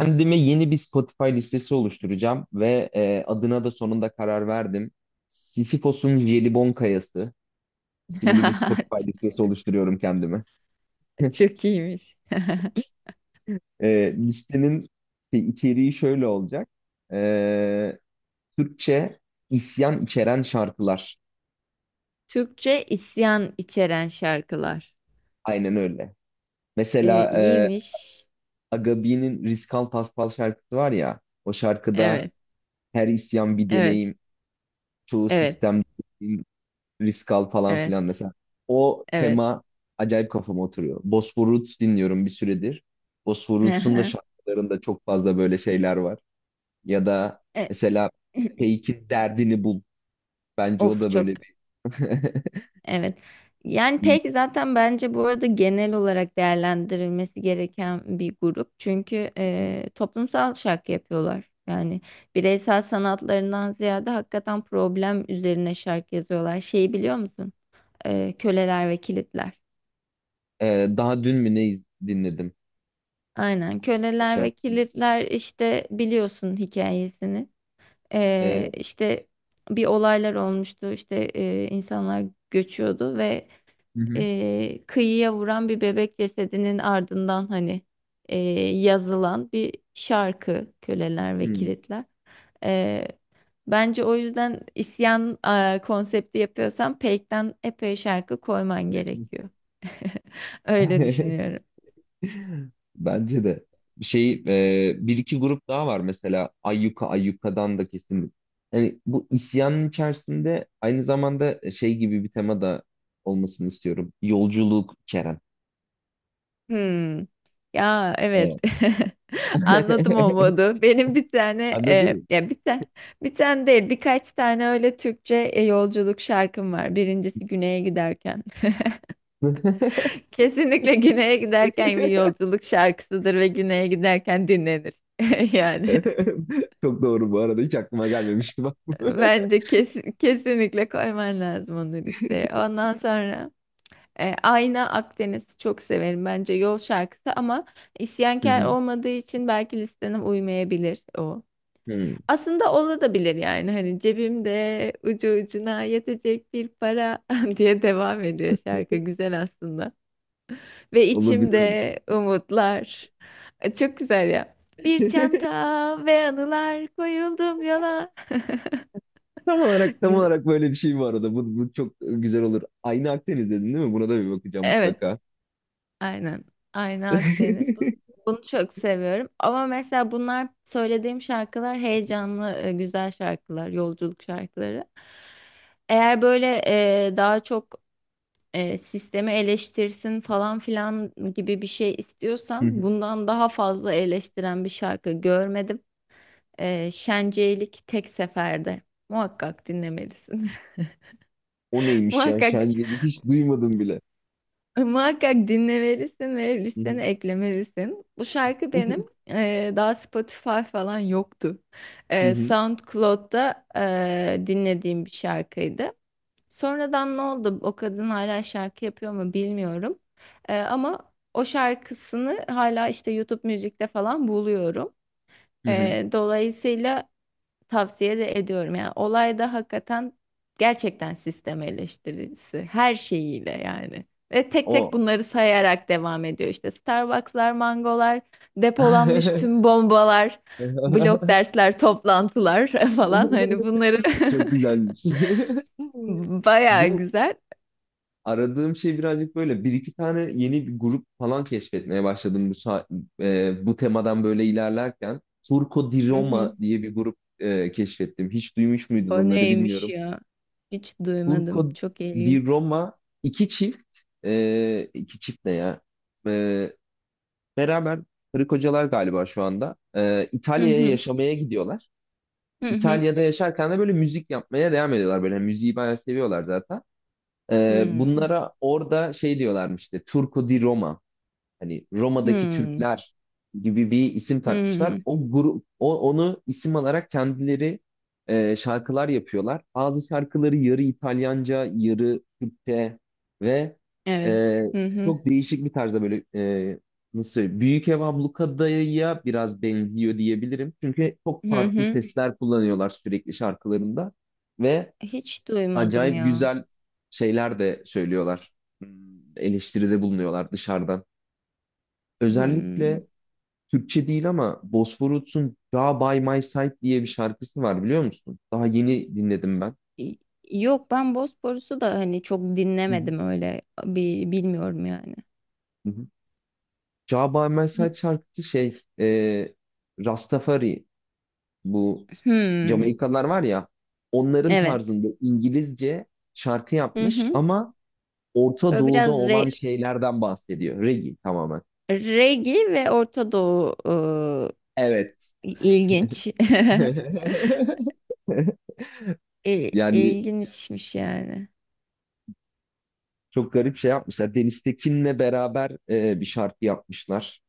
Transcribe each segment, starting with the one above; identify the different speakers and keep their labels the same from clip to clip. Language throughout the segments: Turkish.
Speaker 1: Kendime yeni bir Spotify listesi oluşturacağım ve adına da sonunda karar verdim. Sisyphos'un Jelibon Kayası. Şimdi bir Spotify listesi oluşturuyorum kendime.
Speaker 2: Çok iyiymiş.
Speaker 1: Listenin içeriği şöyle olacak. E, Türkçe isyan içeren şarkılar.
Speaker 2: Türkçe isyan içeren şarkılar.
Speaker 1: Aynen öyle.
Speaker 2: E,
Speaker 1: Mesela
Speaker 2: iyiymiş.
Speaker 1: Agabi'nin Riskal Paspal şarkısı var ya. O şarkıda
Speaker 2: Evet,
Speaker 1: her isyan bir
Speaker 2: evet,
Speaker 1: deneyim, çoğu
Speaker 2: evet,
Speaker 1: sistem risk al falan
Speaker 2: evet,
Speaker 1: filan mesela. O
Speaker 2: evet.
Speaker 1: tema acayip kafama oturuyor. Bosphor Roots dinliyorum bir süredir. Bosphor
Speaker 2: Hı
Speaker 1: Roots'un da
Speaker 2: hı.
Speaker 1: şarkılarında çok fazla böyle şeyler var. Ya da
Speaker 2: E,
Speaker 1: mesela Fake'in Derdini Bul. Bence o
Speaker 2: Of,
Speaker 1: da
Speaker 2: çok
Speaker 1: böyle bir...
Speaker 2: evet. Yani pek zaten bence bu arada genel olarak değerlendirilmesi gereken bir grup. Çünkü toplumsal şarkı yapıyorlar. Yani bireysel sanatlarından ziyade hakikaten problem üzerine şarkı yazıyorlar. Şeyi biliyor musun? Köleler ve kilitler.
Speaker 1: Daha dün mü ne dinledim
Speaker 2: Aynen
Speaker 1: o
Speaker 2: köleler ve
Speaker 1: şarkıyı?
Speaker 2: kilitler işte biliyorsun hikayesini.
Speaker 1: Ee,
Speaker 2: İşte bir olaylar olmuştu işte insanlar göçüyordu ve
Speaker 1: hı hı.
Speaker 2: kıyıya vuran bir bebek cesedinin ardından hani e, yazılan bir şarkı köleler ve kilitler. Ee, bence o yüzden isyan konsepti yapıyorsan Peyk'ten epey şarkı koyman gerekiyor. Öyle
Speaker 1: Hı.
Speaker 2: düşünüyorum.
Speaker 1: Bence de. Şey, bir iki grup daha var mesela Ayyuka, Ayyuka'dan da kesin. Yani bu isyanın içerisinde aynı zamanda şey gibi bir tema da olmasını istiyorum. Yolculuk Kerem.
Speaker 2: Hmm. Ya, evet.
Speaker 1: Evet.
Speaker 2: Anladım o modu. Benim bir tane,
Speaker 1: Anladın
Speaker 2: ya bir tane değil birkaç tane öyle Türkçe yolculuk şarkım var. Birincisi güneye giderken.
Speaker 1: mı?
Speaker 2: Kesinlikle güneye giderken bir yolculuk şarkısıdır ve güneye giderken dinlenir. Yani.
Speaker 1: Çok doğru bu arada. Hiç aklıma gelmemişti bak.
Speaker 2: Bence kesinlikle koyman lazım onu listeye. Ondan sonra Ayna Akdeniz'i çok severim. Bence yol şarkısı ama
Speaker 1: Hı
Speaker 2: isyankar
Speaker 1: hı.
Speaker 2: olmadığı için belki listene uymayabilir o.
Speaker 1: Hı.
Speaker 2: Aslında olabilir yani, hani cebimde ucu ucuna yetecek bir para diye devam ediyor, şarkı güzel aslında. Ve
Speaker 1: Olabilir o da.
Speaker 2: içimde umutlar. Çok güzel ya. Bir çanta ve anılar, koyuldum yola.
Speaker 1: Tam olarak, tam
Speaker 2: Güzel.
Speaker 1: olarak böyle bir şey bu arada. Bu çok güzel olur. Aynı Akdeniz dedin değil mi? Buna da bir bakacağım
Speaker 2: Evet.
Speaker 1: mutlaka.
Speaker 2: Aynen. Aynen
Speaker 1: Hı
Speaker 2: Akdeniz. Bunu çok seviyorum. Ama mesela bunlar söylediğim şarkılar heyecanlı, güzel şarkılar, yolculuk şarkıları. Eğer böyle daha çok sistemi eleştirsin falan filan gibi bir şey
Speaker 1: hı.
Speaker 2: istiyorsan, bundan daha fazla eleştiren bir şarkı görmedim. Şenceylik Tek Seferde. Muhakkak dinlemelisin.
Speaker 1: O neymiş ya?
Speaker 2: Muhakkak
Speaker 1: Şencelik hiç duymadım bile.
Speaker 2: Muhakkak dinlemelisin ve
Speaker 1: Hı
Speaker 2: listene
Speaker 1: hı.
Speaker 2: eklemelisin. Bu şarkı benim daha Spotify falan yoktu.
Speaker 1: Hı hı.
Speaker 2: SoundCloud'da dinlediğim bir şarkıydı. Sonradan ne oldu? O kadın hala şarkı yapıyor mu bilmiyorum. Ama o şarkısını hala işte YouTube müzikte falan buluyorum.
Speaker 1: Hı hı.
Speaker 2: Dolayısıyla tavsiye de ediyorum. Yani olayda hakikaten gerçekten sistem eleştirisi her şeyiyle yani. Ve tek
Speaker 1: O.
Speaker 2: tek bunları sayarak devam ediyor. İşte Starbucks'lar, mangolar, depolanmış tüm bombalar, blok dersler, toplantılar falan. Hani bunları
Speaker 1: Çok güzelmiş.
Speaker 2: bayağı
Speaker 1: Bu
Speaker 2: güzel.
Speaker 1: aradığım şey birazcık böyle. Bir iki tane yeni bir grup falan keşfetmeye başladım bu bu temadan böyle ilerlerken. Turco di
Speaker 2: Hı hı.
Speaker 1: Roma diye bir grup keşfettim. Hiç duymuş muydun
Speaker 2: O
Speaker 1: onları
Speaker 2: neymiş
Speaker 1: bilmiyorum.
Speaker 2: ya? Hiç duymadım.
Speaker 1: Turco
Speaker 2: Çok
Speaker 1: di
Speaker 2: ilginç.
Speaker 1: Roma iki çift, iki çift ne ya? E, Beraber Hırık hocalar galiba şu anda.
Speaker 2: Hı
Speaker 1: İtalya'ya
Speaker 2: hı.
Speaker 1: yaşamaya gidiyorlar.
Speaker 2: Hı hı.
Speaker 1: İtalya'da yaşarken de böyle müzik yapmaya devam ediyorlar. Böyle müziği bayağı seviyorlar zaten.
Speaker 2: Hı
Speaker 1: Bunlara orada şey diyorlarmış işte, Turco di Roma, hani Roma'daki
Speaker 2: hı.
Speaker 1: Türkler gibi bir isim
Speaker 2: Hı.
Speaker 1: takmışlar. Onu isim alarak kendileri şarkılar yapıyorlar. Bazı şarkıları yarı İtalyanca, yarı Türkçe ve
Speaker 2: Evet.
Speaker 1: e,
Speaker 2: Hı hı.
Speaker 1: çok değişik bir tarzda böyle, nasıl söyleyeyim? Büyük Ev Ablukada'ya biraz benziyor diyebilirim. Çünkü çok
Speaker 2: Hı
Speaker 1: farklı
Speaker 2: hı.
Speaker 1: sesler kullanıyorlar sürekli şarkılarında ve
Speaker 2: Hiç duymadım
Speaker 1: acayip
Speaker 2: ya.
Speaker 1: güzel şeyler de söylüyorlar. Hmm. Eleştiride bulunuyorlar dışarıdan.
Speaker 2: Hmm.
Speaker 1: Özellikle Türkçe değil ama Bosphorus'un Ja by My Side diye bir şarkısı var, biliyor musun? Daha yeni dinledim ben.
Speaker 2: Y- Yok, ben Bosporus'u da hani çok
Speaker 1: Hı hı.
Speaker 2: dinlemedim, öyle bir bilmiyorum yani.
Speaker 1: Hı hı. Ja by My
Speaker 2: Hı-
Speaker 1: Side şarkısı şey, Rastafari, bu
Speaker 2: Hmm.
Speaker 1: Jamaikalılar var ya, onların
Speaker 2: Evet.
Speaker 1: tarzında İngilizce şarkı
Speaker 2: Hı
Speaker 1: yapmış
Speaker 2: hı.
Speaker 1: ama Orta
Speaker 2: Böyle
Speaker 1: Doğu'da
Speaker 2: biraz
Speaker 1: olan şeylerden bahsediyor. Reggae tamamen.
Speaker 2: regi ve Orta Doğu,
Speaker 1: Evet.
Speaker 2: ilginç.
Speaker 1: Yani,
Speaker 2: İlginçmiş yani.
Speaker 1: çok garip şey yapmışlar. Deniz Tekin'le beraber bir şarkı yapmışlar.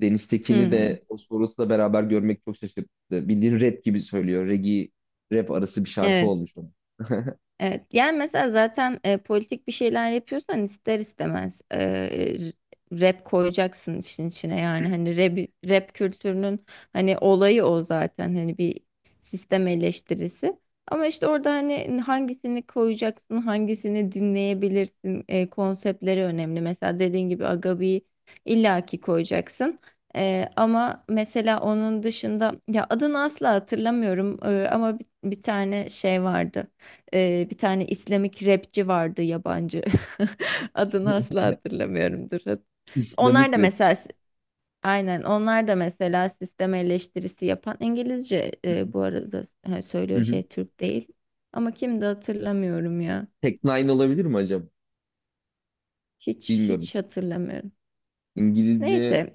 Speaker 1: Deniz Tekin'i
Speaker 2: Hmm.
Speaker 1: de Bosporus'la beraber görmek çok şaşırttı. Bildiğin rap gibi söylüyor. Reggae rap arası bir şarkı
Speaker 2: Evet.
Speaker 1: olmuş onun.
Speaker 2: Evet, yani mesela zaten politik bir şeyler yapıyorsan ister istemez rap koyacaksın işin içine, yani hani rap kültürünün hani olayı o zaten, hani bir sistem eleştirisi. Ama işte orada hani hangisini koyacaksın, hangisini dinleyebilirsin, konseptleri önemli. Mesela dediğin gibi Agabi'yi illaki koyacaksın. Ama mesela onun dışında, ya adını asla hatırlamıyorum, ama bir tane şey vardı. Bir tane İslamik rapçi vardı, yabancı. Adını asla hatırlamıyorumdur. Onlar
Speaker 1: İslamik
Speaker 2: da mesela,
Speaker 1: rapçi.
Speaker 2: aynen onlar da mesela sistem eleştirisi yapan, İngilizce
Speaker 1: Hı hı.
Speaker 2: bu arada ha,
Speaker 1: Hı
Speaker 2: söylüyor,
Speaker 1: hı.
Speaker 2: şey, Türk değil. Ama kim hatırlamıyorum ya.
Speaker 1: Tek Nine olabilir mi acaba?
Speaker 2: Hiç
Speaker 1: Bilmiyorum.
Speaker 2: hiç hatırlamıyorum.
Speaker 1: İngilizce.
Speaker 2: Neyse,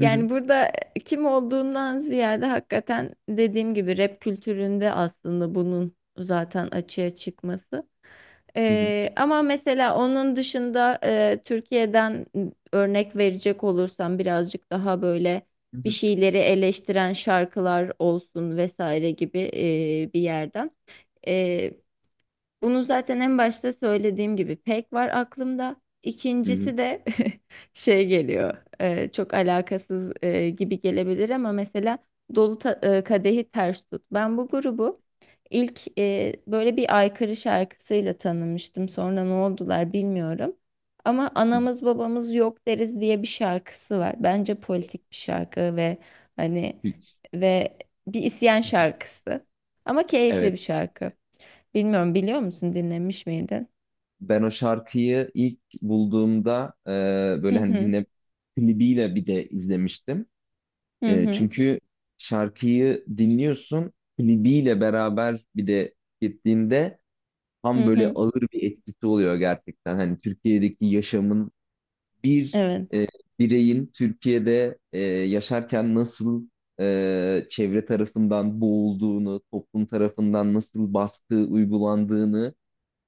Speaker 1: Hı hı.
Speaker 2: burada kim olduğundan ziyade hakikaten dediğim gibi rap kültüründe aslında bunun zaten açığa çıkması.
Speaker 1: Hı hı.
Speaker 2: Ama mesela onun dışında Türkiye'den örnek verecek olursam, birazcık daha böyle
Speaker 1: Hı
Speaker 2: bir
Speaker 1: hı.
Speaker 2: şeyleri eleştiren şarkılar olsun vesaire gibi bir yerden. Bunu zaten en başta söylediğim gibi pek var aklımda.
Speaker 1: Hı hı.
Speaker 2: İkincisi de şey geliyor. Çok alakasız gibi gelebilir, ama mesela dolu kadehi ters tut. Ben bu grubu ilk böyle bir aykırı şarkısıyla tanımıştım. Sonra ne oldular bilmiyorum. Ama
Speaker 1: Hı hı.
Speaker 2: anamız babamız yok deriz diye bir şarkısı var. Bence politik bir şarkı ve hani,
Speaker 1: Hiç.
Speaker 2: ve bir isyan
Speaker 1: Hı hı.
Speaker 2: şarkısı. Ama keyifli
Speaker 1: Evet.
Speaker 2: bir şarkı. Bilmiyorum, biliyor musun, dinlemiş miydin?
Speaker 1: Ben o şarkıyı ilk bulduğumda, böyle
Speaker 2: Hı
Speaker 1: hani
Speaker 2: hı,
Speaker 1: dinle, klibiyle bir de izlemiştim.
Speaker 2: hı hı,
Speaker 1: Çünkü şarkıyı dinliyorsun, klibiyle beraber bir de gittiğinde tam
Speaker 2: hı
Speaker 1: böyle
Speaker 2: hı.
Speaker 1: ağır bir etkisi oluyor gerçekten. Hani Türkiye'deki yaşamın bir,
Speaker 2: Evet.
Speaker 1: e, bireyin Türkiye'de yaşarken nasıl çevre tarafından boğulduğunu, toplum tarafından nasıl baskı uygulandığını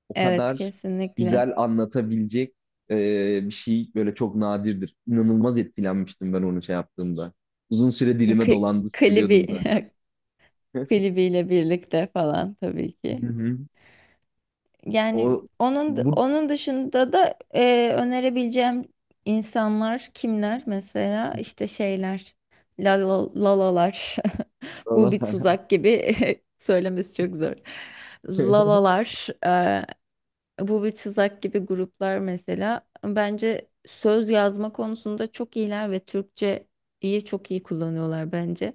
Speaker 1: o
Speaker 2: Evet,
Speaker 1: kadar
Speaker 2: kesinlikle.
Speaker 1: güzel anlatabilecek e, bir şey böyle çok nadirdir. İnanılmaz etkilenmiştim ben onu şey yaptığımda. Uzun süre dilime dolandı,
Speaker 2: Klibi
Speaker 1: söylüyordum zaten.
Speaker 2: klibiyle birlikte falan tabii
Speaker 1: Hı
Speaker 2: ki.
Speaker 1: hı.
Speaker 2: Yani
Speaker 1: O
Speaker 2: onun
Speaker 1: bu.
Speaker 2: onun dışında da önerebileceğim insanlar kimler, mesela işte şeyler, lalalar bu bir tuzak gibi söylemesi çok zor, lalalar, Bu bir tuzak gibi gruplar mesela. Bence söz yazma konusunda çok iyiler ve Türkçeyi çok iyi kullanıyorlar bence.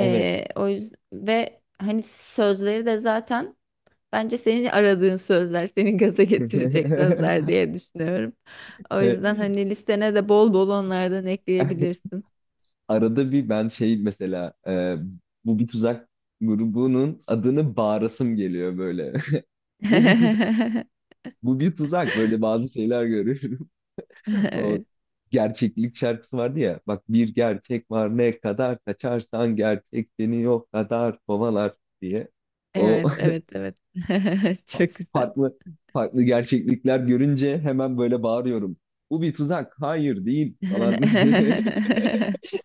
Speaker 1: Evet.
Speaker 2: o yüzden, ve hani sözleri de zaten bence senin aradığın sözler, seni gaza getirecek sözler diye düşünüyorum. O yüzden hani listene de bol bol onlardan ekleyebilirsin.
Speaker 1: Arada bir ben şey, mesela, bu bir tuzak grubunun adını bağırasım geliyor böyle. Bu bir tuzak, bu bir tuzak, böyle bazı şeyler görüyorum. O
Speaker 2: Evet,
Speaker 1: gerçeklik şarkısı vardı ya. Bak, bir gerçek var, ne kadar kaçarsan gerçek seni yok kadar kovalar diye. O
Speaker 2: evet, evet, evet. Çok güzel.
Speaker 1: farklı, farklı gerçeklikler görünce hemen böyle bağırıyorum. Bu bir tuzak. Hayır değil falan.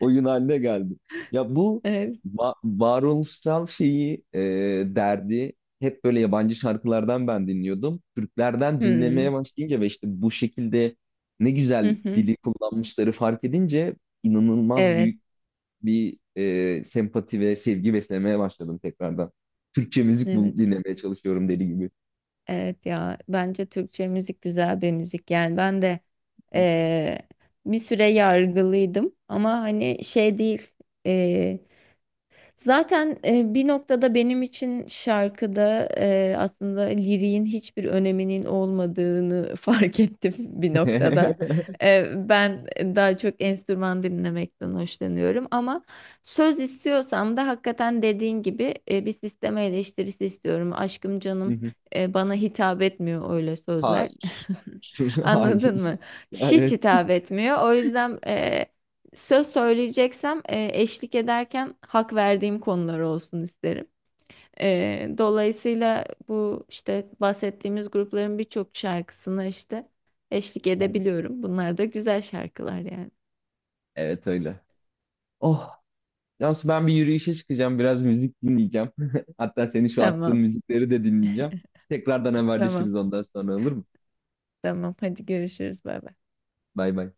Speaker 1: Oyun haline geldi. Ya bu
Speaker 2: Evet.
Speaker 1: varoluşsal şeyi, derdi hep böyle yabancı şarkılardan ben dinliyordum. Türklerden
Speaker 2: Hmm.
Speaker 1: dinlemeye başlayınca ve işte bu şekilde ne güzel dili kullanmışları fark edince inanılmaz
Speaker 2: Evet,
Speaker 1: büyük bir sempati ve sevgi beslemeye başladım tekrardan. Türkçe müzik
Speaker 2: evet,
Speaker 1: dinlemeye çalışıyorum deli gibi.
Speaker 2: evet ya, bence Türkçe müzik güzel bir müzik. Yani ben de eee, bir süre yargılıydım, ama hani şey değil. Zaten bir noktada benim için şarkıda aslında liriğin hiçbir öneminin olmadığını fark ettim bir noktada. Ben daha çok enstrüman dinlemekten hoşlanıyorum, ama söz istiyorsam da hakikaten dediğin gibi bir sisteme eleştirisi istiyorum. Aşkım, canım, bana hitap etmiyor öyle sözler.
Speaker 1: Hayır. Hayır.
Speaker 2: Anladın mı? Hiç
Speaker 1: Evet.
Speaker 2: hitap etmiyor. O yüzden söz söyleyeceksem eşlik ederken hak verdiğim konular olsun isterim. Dolayısıyla bu işte bahsettiğimiz grupların birçok şarkısına işte eşlik edebiliyorum. Bunlar da güzel şarkılar yani.
Speaker 1: Evet öyle. Oh. Cansu, ben bir yürüyüşe çıkacağım. Biraz müzik dinleyeceğim. Hatta senin şu attığın
Speaker 2: Tamam,
Speaker 1: müzikleri de dinleyeceğim. Tekrardan
Speaker 2: tamam,
Speaker 1: haberleşiriz ondan sonra, olur mu?
Speaker 2: tamam. Hadi görüşürüz. Bay bay.
Speaker 1: Bay bay.